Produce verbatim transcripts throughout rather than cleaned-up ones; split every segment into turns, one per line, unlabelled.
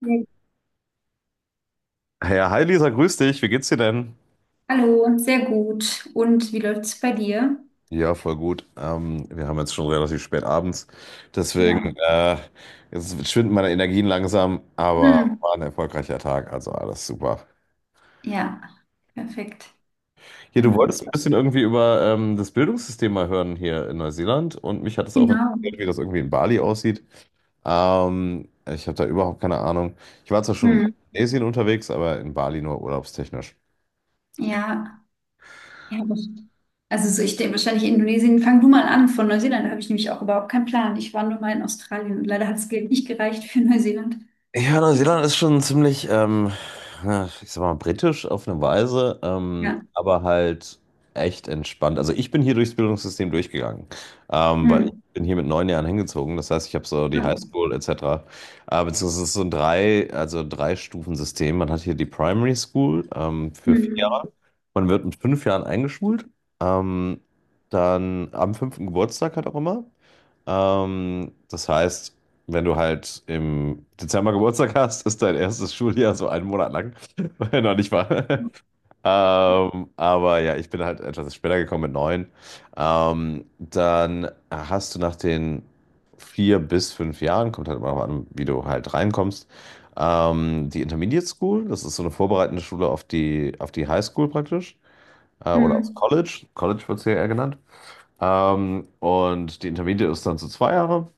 Ja.
Ja, hi Lisa, grüß dich. Wie geht's dir denn?
Hallo, sehr gut. Und wie läuft's bei dir?
Ja, voll gut. Ähm, wir haben jetzt schon relativ spät abends. Deswegen,
Ja.
äh, jetzt schwinden meine Energien langsam, aber
Hm.
war ein erfolgreicher Tag, also alles super.
Ja, perfekt.
Hier,
Wenn
du
man.
wolltest ein bisschen irgendwie über ähm, das Bildungssystem mal hören hier in Neuseeland und mich hat es auch
Genau.
interessiert, wie das irgendwie in Bali aussieht. Ähm, ich habe da überhaupt keine Ahnung. Ich war zwar schon in
Hm.
Indonesien unterwegs, aber in Bali nur urlaubstechnisch.
Ja, ja, aber. Also so, ich denke wahrscheinlich Indonesien. Fang du mal an. Von Neuseeland habe ich nämlich auch überhaupt keinen Plan. Ich war nur mal in Australien und leider hat das Geld nicht gereicht für Neuseeland.
Ja, Neuseeland ist schon ziemlich, ähm, ja, ich sag mal, britisch auf eine Weise, ähm,
Ja.
aber halt echt entspannt. Also ich bin hier durchs Bildungssystem durchgegangen, ähm, weil ich
Hm.
bin hier mit neun Jahren hingezogen. Das heißt, ich habe so die
Ja.
Highschool et cetera. Äh, beziehungsweise es ist so ein drei, also Drei-Stufen-System. Man hat hier die Primary School ähm, für vier
Hm.
Jahre. Man wird mit fünf Jahren eingeschult. Ähm, Dann am fünften Geburtstag halt auch immer. Ähm, das heißt, wenn du halt im Dezember Geburtstag hast, ist dein erstes Schuljahr so einen Monat lang. Noch nicht wahr? Ähm, aber ja, ich bin halt etwas später gekommen mit neun. Ähm, dann hast du nach den vier bis fünf Jahren, kommt halt immer noch an, wie du halt reinkommst, ähm, die Intermediate School. Das ist so eine vorbereitende Schule auf die, auf die High School praktisch. Äh, oder aufs
Hm.
College. College wird es hier eher genannt. Ähm, und die Intermediate ist dann so zwei Jahre.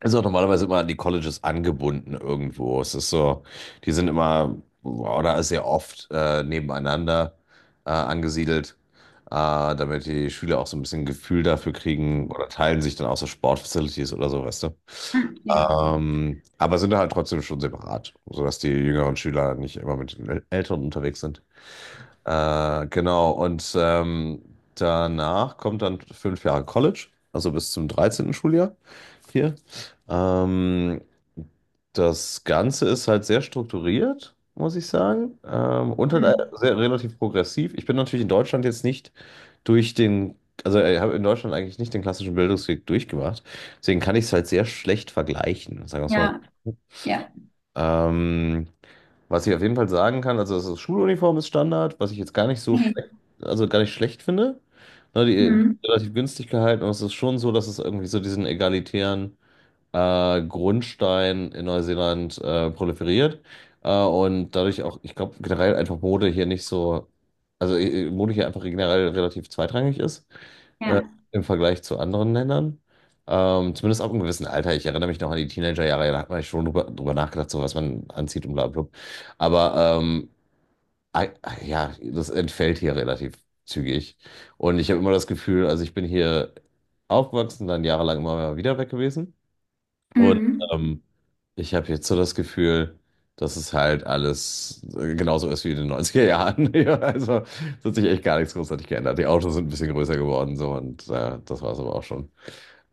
Ist auch normalerweise immer an die Colleges angebunden irgendwo. Es ist so, die sind immer oder sehr oft äh, nebeneinander äh, angesiedelt, äh, damit die Schüler auch so ein bisschen Gefühl dafür kriegen oder teilen sich dann auch so Sportfacilities oder so, weißt du.
Hm. Ja.
Ähm, aber sind halt trotzdem schon separat, sodass die jüngeren Schüler nicht immer mit den Äl- Älteren unterwegs sind. Äh, genau, und ähm, danach kommt dann fünf Jahre College, also bis zum dreizehnten Schuljahr hier. Ähm, Das Ganze ist halt sehr strukturiert, muss ich sagen, ähm, und halt äh,
Hm.
sehr relativ progressiv. Ich bin natürlich in Deutschland jetzt nicht durch den, also äh, ich habe in Deutschland eigentlich nicht den klassischen Bildungsweg durchgemacht, deswegen kann ich es halt sehr schlecht vergleichen, sagen wir es mal
Ja.
so.
Ja.
Ähm, Was ich auf jeden Fall sagen kann, also das Schuluniform ist Standard, was ich jetzt gar nicht so
Hey.
schlecht, also gar nicht schlecht finde. Ne, die wird
Hm.
relativ günstig gehalten und es ist schon so, dass es irgendwie so diesen egalitären äh, Grundstein in Neuseeland äh, proliferiert. Äh, und dadurch auch, ich glaube, generell einfach Mode hier nicht so, also äh, äh, Mode hier einfach generell relativ zweitrangig ist äh,
Ja.
im Vergleich zu anderen Ländern. Ähm, zumindest ab einem gewissen Alter. Ich erinnere mich noch an die Teenagerjahre, da hat man ja schon drüber, drüber nachgedacht, so was man anzieht und bla bla. Aber ähm, ei- ja, das entfällt hier relativ zügig. Und ich habe immer das Gefühl, also ich bin hier aufgewachsen, dann jahrelang immer wieder weg gewesen. Und
Hm.
ähm, ich habe jetzt so das Gefühl, dass es halt alles äh, genauso ist wie in den neunziger Jahren. Ja, also es hat sich echt gar nichts großartig geändert. Die Autos sind ein bisschen größer geworden so und äh, das war es aber auch schon.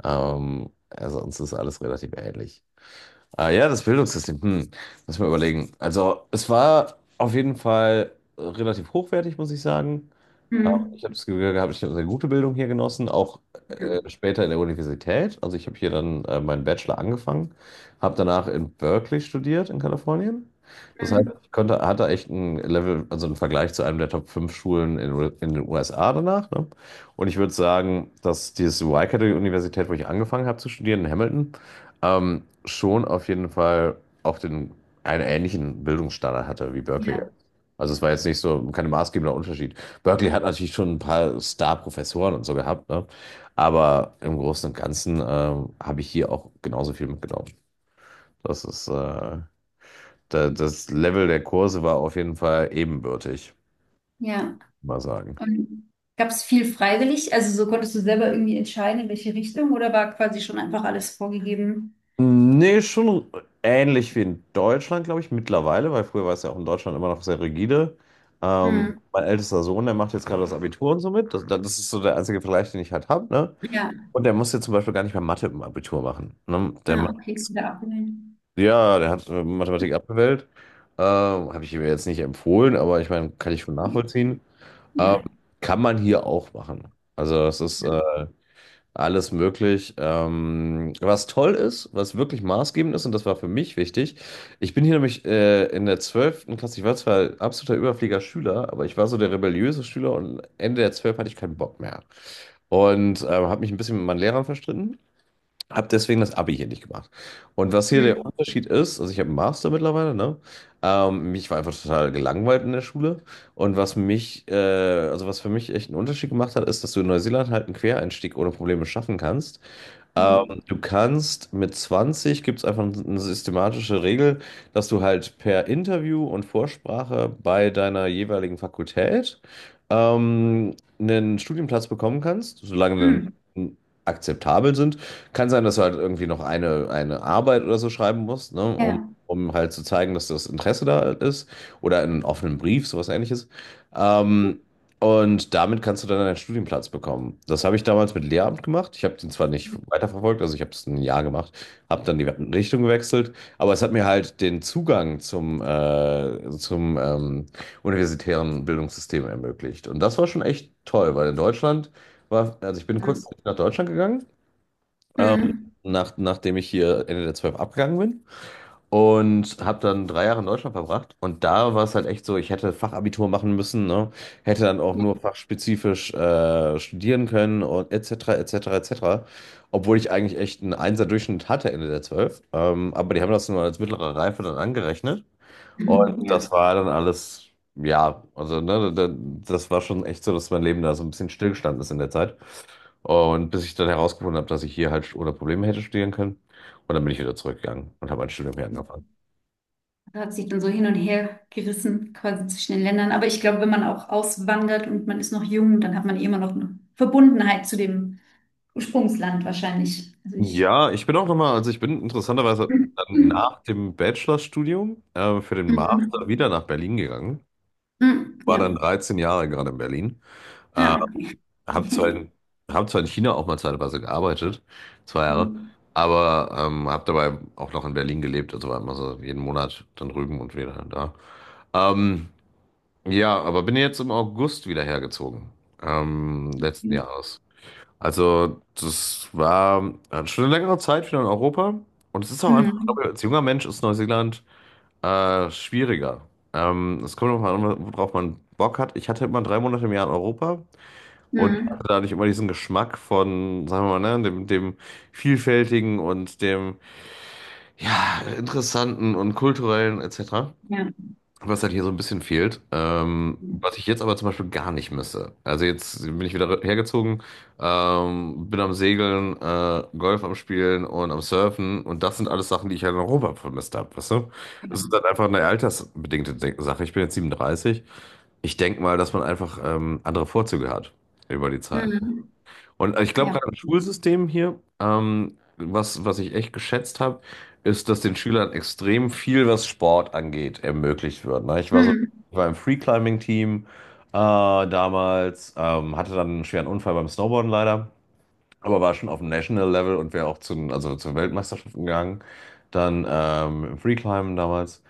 Ähm, also uns ist alles relativ ähnlich. Ah ja, das Bildungssystem. Hm, muss ich mal überlegen. Also, es war auf jeden Fall relativ hochwertig, muss ich sagen. Auch ich
Hm.
habe das Gefühl gehabt, ich habe eine gute Bildung hier genossen, auch
Ja.
äh, später in der Universität. Also ich habe hier dann äh, meinen Bachelor angefangen, habe danach in Berkeley studiert in Kalifornien. Das heißt,
Hm.
ich konnte, hatte echt ein Level, also einen Vergleich zu einem der Top fünf Schulen in, U- in den U S A danach. Ne? Und ich würde sagen, dass diese Y-Universität, wo ich angefangen habe zu studieren in Hamilton, ähm, schon auf jeden Fall auch den, einen ähnlichen Bildungsstandard hatte wie Berkeley.
Ja.
Also es war jetzt nicht so kein maßgebender Unterschied. Berkeley hat natürlich schon ein paar Star-Professoren und so gehabt, ne? Aber im Großen und Ganzen ähm, habe ich hier auch genauso viel mitgenommen. Das ist, äh, da, Das Level der Kurse war auf jeden Fall ebenbürtig,
Ja.
mal sagen.
Und gab es viel freiwillig? Also so konntest du selber irgendwie entscheiden, in welche Richtung, oder war quasi schon einfach alles vorgegeben?
Nee, schon ähnlich wie in Deutschland, glaube ich, mittlerweile, weil früher war es ja auch in Deutschland immer noch sehr rigide. Ähm,
Hm.
mein ältester Sohn, der macht jetzt gerade das Abitur und so mit. Das, das ist so der einzige Vergleich, den ich halt habe, ne?
Ja,
Und der muss jetzt zum Beispiel gar nicht mehr Mathe im Abitur machen. Ne? Der
ah,
macht
okay,
jetzt,
wieder abwählen.
ja, der hat äh, Mathematik abgewählt. Ähm, habe ich ihm jetzt nicht empfohlen, aber ich meine, kann ich schon nachvollziehen. Ähm,
Ja.
Kann man hier auch machen. Also es ist äh, alles möglich. Ähm, was toll ist, was wirklich maßgebend ist, und das war für mich wichtig, ich bin hier nämlich äh, in der zwölften Klasse, ich war zwar absoluter Überflieger-Schüler, aber ich war so der rebelliöse Schüler und Ende der zwölf hatte ich keinen Bock mehr. Und ähm, habe mich ein bisschen mit meinen Lehrern verstritten. Hab deswegen das Abi hier nicht gemacht. Und was hier der
Hm.
Unterschied ist, also ich habe einen Master mittlerweile, ne? Ähm, mich war einfach total gelangweilt in der Schule. Und was mich, äh, also was für mich echt einen Unterschied gemacht hat, ist, dass du in Neuseeland halt einen Quereinstieg ohne Probleme schaffen kannst.
Ja.
Ähm, Du kannst mit zwanzig gibt es einfach eine systematische Regel, dass du halt per Interview und Vorsprache bei deiner jeweiligen Fakultät ähm, einen Studienplatz bekommen kannst, solange
Hm.
die akzeptabel sind. Kann sein, dass du halt irgendwie noch eine, eine Arbeit oder so schreiben musst, ne, um,
Ja.
um halt zu zeigen, dass das Interesse da ist oder einen offenen Brief, sowas ähnliches. Ähm, und damit kannst du dann einen Studienplatz bekommen. Das habe ich damals mit Lehramt gemacht. Ich habe den zwar nicht weiterverfolgt, also ich habe es ein Jahr gemacht, habe dann die Richtung gewechselt, aber es hat mir halt den Zugang zum, äh, zum ähm, universitären Bildungssystem ermöglicht. Und das war schon echt toll, weil in Deutschland war, also ich bin
Hm.
kurz nach Deutschland gegangen, ähm,
Hm.
nach, nachdem ich hier Ende der zwölf abgegangen bin. Und habe dann drei Jahre in Deutschland verbracht. Und da war es halt echt so, ich hätte Fachabitur machen müssen, ne? Hätte dann auch
Ja.
nur fachspezifisch äh, studieren können und et cetera, et cetera, et cetera. Obwohl ich eigentlich echt einen Einser-Durchschnitt hatte Ende der zwölf. Ähm, aber die haben das nur als mittlere Reife dann angerechnet.
Hm.
Und
Ja.
das war dann alles, ja, also ne, da- da- das war schon echt so, dass mein Leben da so ein bisschen stillgestanden ist in der Zeit. Und bis ich dann herausgefunden habe, dass ich hier halt ohne Probleme hätte studieren können. Und dann bin ich wieder zurückgegangen und habe mein Studium hier angefangen.
Das hat sich dann so hin und her gerissen, quasi zwischen den Ländern. Aber ich glaube, wenn man auch auswandert und man ist noch jung, dann hat man eh immer noch eine Verbundenheit zu dem Ursprungsland wahrscheinlich. Also ich.
Ja, ich bin auch nochmal, also ich bin interessanterweise
Mhm.
dann nach dem Bachelorstudium äh, für den Master
Mhm.
wieder nach Berlin gegangen. War
Ja.
dann dreizehn Jahre gerade in Berlin.
Ja,
Äh,
okay.
hab zwar in, Hab zwar in China auch mal zeitweise gearbeitet, zwei Jahre,
Mhm.
aber ähm, hab dabei auch noch in Berlin gelebt, also war immer so jeden Monat dann drüben und wieder da. Ähm, ja, aber bin jetzt im August wieder hergezogen, ähm, letzten Jahres. Also, das war äh, schon eine längere Zeit wieder in Europa. Und es ist auch einfach, ich
Mhm.
glaube, als junger Mensch ist Neuseeland äh, schwieriger. Ähm, es kommt nochmal an, worauf man Bock hat. Ich hatte immer drei Monate im Jahr in Europa und hatte
Mhm.
dadurch immer diesen Geschmack von, sagen wir mal, ne, dem, dem Vielfältigen und dem, ja, Interessanten und Kulturellen et cetera.
Ja.
Was halt hier so ein bisschen fehlt, ähm, was ich jetzt aber zum Beispiel gar nicht misse. Also jetzt bin ich wieder hergezogen, ähm, bin am Segeln, äh, Golf am Spielen und am Surfen und das sind alles Sachen, die ich halt in Europa vermisst habe, weißt du?
Ja.
Es ist halt einfach eine altersbedingte De- Sache. Ich bin jetzt siebenunddreißig. Ich denke mal, dass man einfach ähm, andere Vorzüge hat über die Zeit.
Mhm.
Und ich glaube,
Ja.
gerade im Schulsystem hier, ähm, was, was ich echt geschätzt habe, ist, dass den Schülern extrem viel, was Sport angeht, ermöglicht wird. Ne? Ich war so,
Mhm.
ich war im Free-Climbing-Team äh, damals, ähm, hatte dann einen schweren Unfall beim Snowboarden leider, aber war schon auf dem National Level und wäre auch zu, also zu Weltmeisterschaften gegangen. Dann ähm, im Free-Climben damals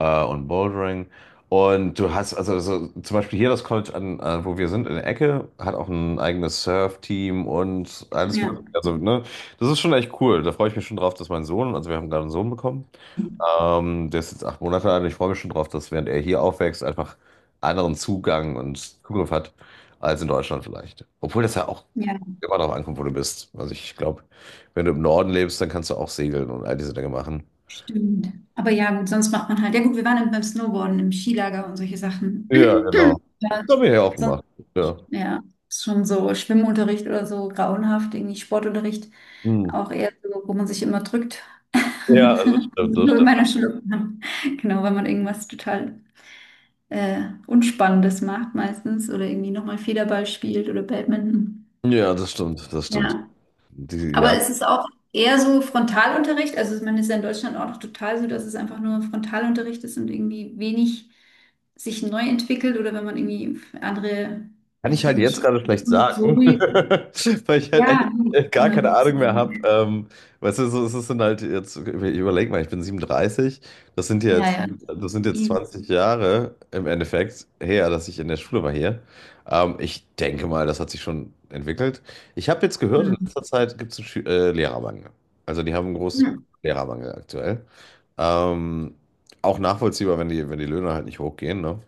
äh, und Bouldering. Und du hast, also so, zum Beispiel hier das College, an, äh, wo wir sind, in der Ecke, hat auch ein eigenes Surf-Team und alles
Ja,
Mögliche. Also, ne, das ist schon echt cool. Da freue ich mich schon drauf, dass mein Sohn, also wir haben gerade einen Sohn bekommen, ähm, der ist jetzt acht Monate alt und ich freue mich schon drauf, dass während er hier aufwächst, einfach anderen Zugang und Zugriff hat als in Deutschland vielleicht. Obwohl das ja auch
ja,
immer darauf ankommt, wo du bist. Also ich glaube, wenn du im Norden lebst, dann kannst du auch segeln und all diese Dinge machen.
stimmt. Aber ja, gut, sonst macht man halt. Ja, gut, wir waren beim Snowboarden im Skilager und solche Sachen.
Ja, genau.
Ja,
Das haben wir ja auch
sonst,
gemacht. Ja.
ja, ist schon so Schwimmunterricht oder so grauenhaft, irgendwie Sportunterricht
Hm.
auch eher so, wo man sich immer drückt.
Ja, das stimmt, das
So in
stimmt.
meiner Schule. Genau, wenn man irgendwas total äh, Unspannendes macht meistens oder irgendwie nochmal Federball spielt oder Badminton.
Ja, das stimmt, das stimmt.
Ja,
Die,
aber
ja,
es ist auch eher so Frontalunterricht. Also man ist ja in Deutschland auch noch total so, dass es einfach nur Frontalunterricht ist und irgendwie wenig sich neu entwickelt, oder wenn man irgendwie andere,
kann
weiß
ich
ich
halt jetzt
nicht,
gerade schlecht
so
sagen,
wie,
weil ich halt echt
ja,
äh, gar
immer
keine
gibt's,
Ahnung mehr habe. Ähm, weißt du, so, es ist dann halt jetzt, ich überleg mal, ich bin siebenunddreißig, das sind
ja,
jetzt,
ja.
das sind jetzt
Eben.
zwanzig Jahre im Endeffekt her, dass ich in der Schule war hier. Ähm, ich denke mal, das hat sich schon entwickelt. Ich habe jetzt gehört, in
Mhm.
letzter Zeit gibt es einen Schü- äh, Lehrermangel. Also die haben ein großes Lehrermangel aktuell. Ähm, Auch nachvollziehbar, wenn die, wenn die Löhne halt nicht hochgehen, ne?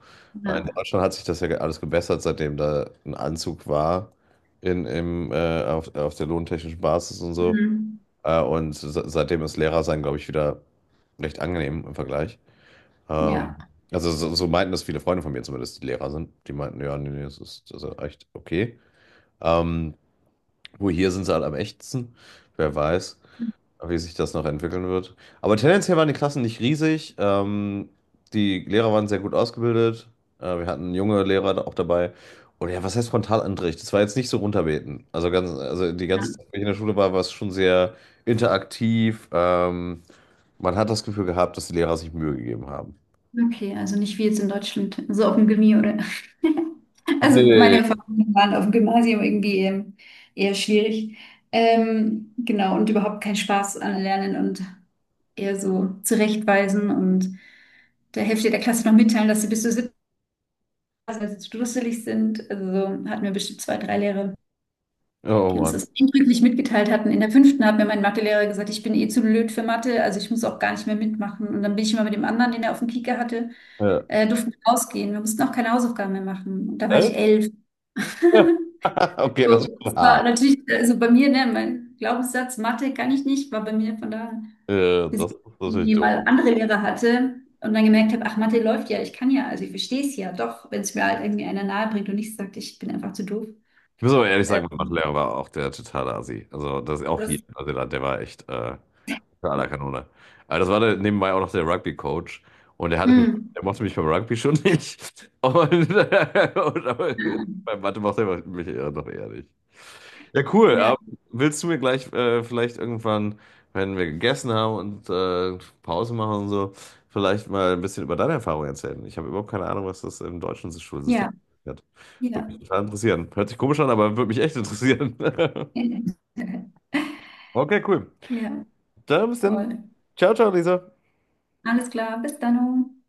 Äh, In
Ja.
Deutschland hat sich das ja ge- alles gebessert, seitdem da ein Anzug war in, im, äh, auf, auf der lohntechnischen Basis und so.
Mhm.
Äh, und se- seitdem ist Lehrer sein, glaube ich, wieder recht angenehm im Vergleich. Ähm,
Ja,
also so, so meinten das viele Freunde von mir zumindest, die Lehrer sind. Die meinten, ja, nee, nee, das ist, das ist, echt okay. Ähm, Wo hier sind sie halt am echtsten, wer weiß wie sich das noch entwickeln wird. Aber tendenziell waren die Klassen nicht riesig. Ähm, die Lehrer waren sehr gut ausgebildet. Äh, wir hatten junge Lehrer da auch dabei. Und ja, was heißt Frontalunterricht? Das war jetzt nicht so runterbeten. Also ganz, also die
ja,
ganze Zeit, wenn ich in der Schule war, war es schon sehr interaktiv. Ähm, man hat das Gefühl gehabt, dass die Lehrer sich Mühe gegeben haben.
okay, also nicht wie jetzt in Deutschland, so auf dem Gimmi oder. Also meine
Nee.
Erfahrungen waren auf dem Gymnasium irgendwie ähm, eher schwierig. Ähm, genau, und überhaupt keinen Spaß an Lernen und eher so zurechtweisen und der Hälfte der Klasse noch mitteilen, dass sie bis zur siebten Klasse dusselig sind. Also so hatten wir bestimmt zwei, drei Lehrer,
Oh
die uns
Mann.
das eindrücklich mitgeteilt hatten. In der fünften hat mir mein Mathelehrer gesagt, ich bin eh zu blöd für Mathe, also ich muss auch gar nicht mehr mitmachen. Und dann bin ich immer mit dem anderen, den er auf dem Kieker hatte,
Ja.
äh, durften wir rausgehen. Wir mussten auch keine Hausaufgaben mehr machen. Und da war ich
Echt?
elf.
Okay, das
So,
war
das war
hart.
natürlich, also bei mir, ne, mein Glaubenssatz, Mathe kann ich nicht, war bei mir von daher,
Äh,
bis
das,
ich
das ist natürlich
irgendwie mal
doof.
andere Lehrer hatte und dann gemerkt habe, ach, Mathe läuft ja, ich kann ja, also ich verstehe es ja doch, wenn es mir halt irgendwie einer nahe bringt und nicht sagt, ich bin einfach zu doof.
Ich muss aber ehrlich
Äh,
sagen, mein Mathelehrer war auch der totale Assi. Also das ist auch hier
Das,
in Neuseeland, der war echt äh, unter aller Kanone. Aber das war der, nebenbei auch noch der Rugby-Coach und der hatte mich,
hm.
der mochte mich beim Rugby schon nicht. Und, äh, und aber beim Mathe mochte er mich eher noch eher nicht. Ja, cool.
Ja,
Aber willst du mir gleich äh, vielleicht irgendwann, wenn wir gegessen haben und äh, Pause machen und so, vielleicht mal ein bisschen über deine Erfahrung erzählen? Ich habe überhaupt keine Ahnung, was das im deutschen Schulsystem
ja,
hat. Würde
ja.
mich total interessieren. Hört sich komisch an, aber würde mich echt interessieren. Okay, cool.
Ja,
Dann bis dann.
voll.
Ciao, ciao, Lisa.
Alles klar, bis dann.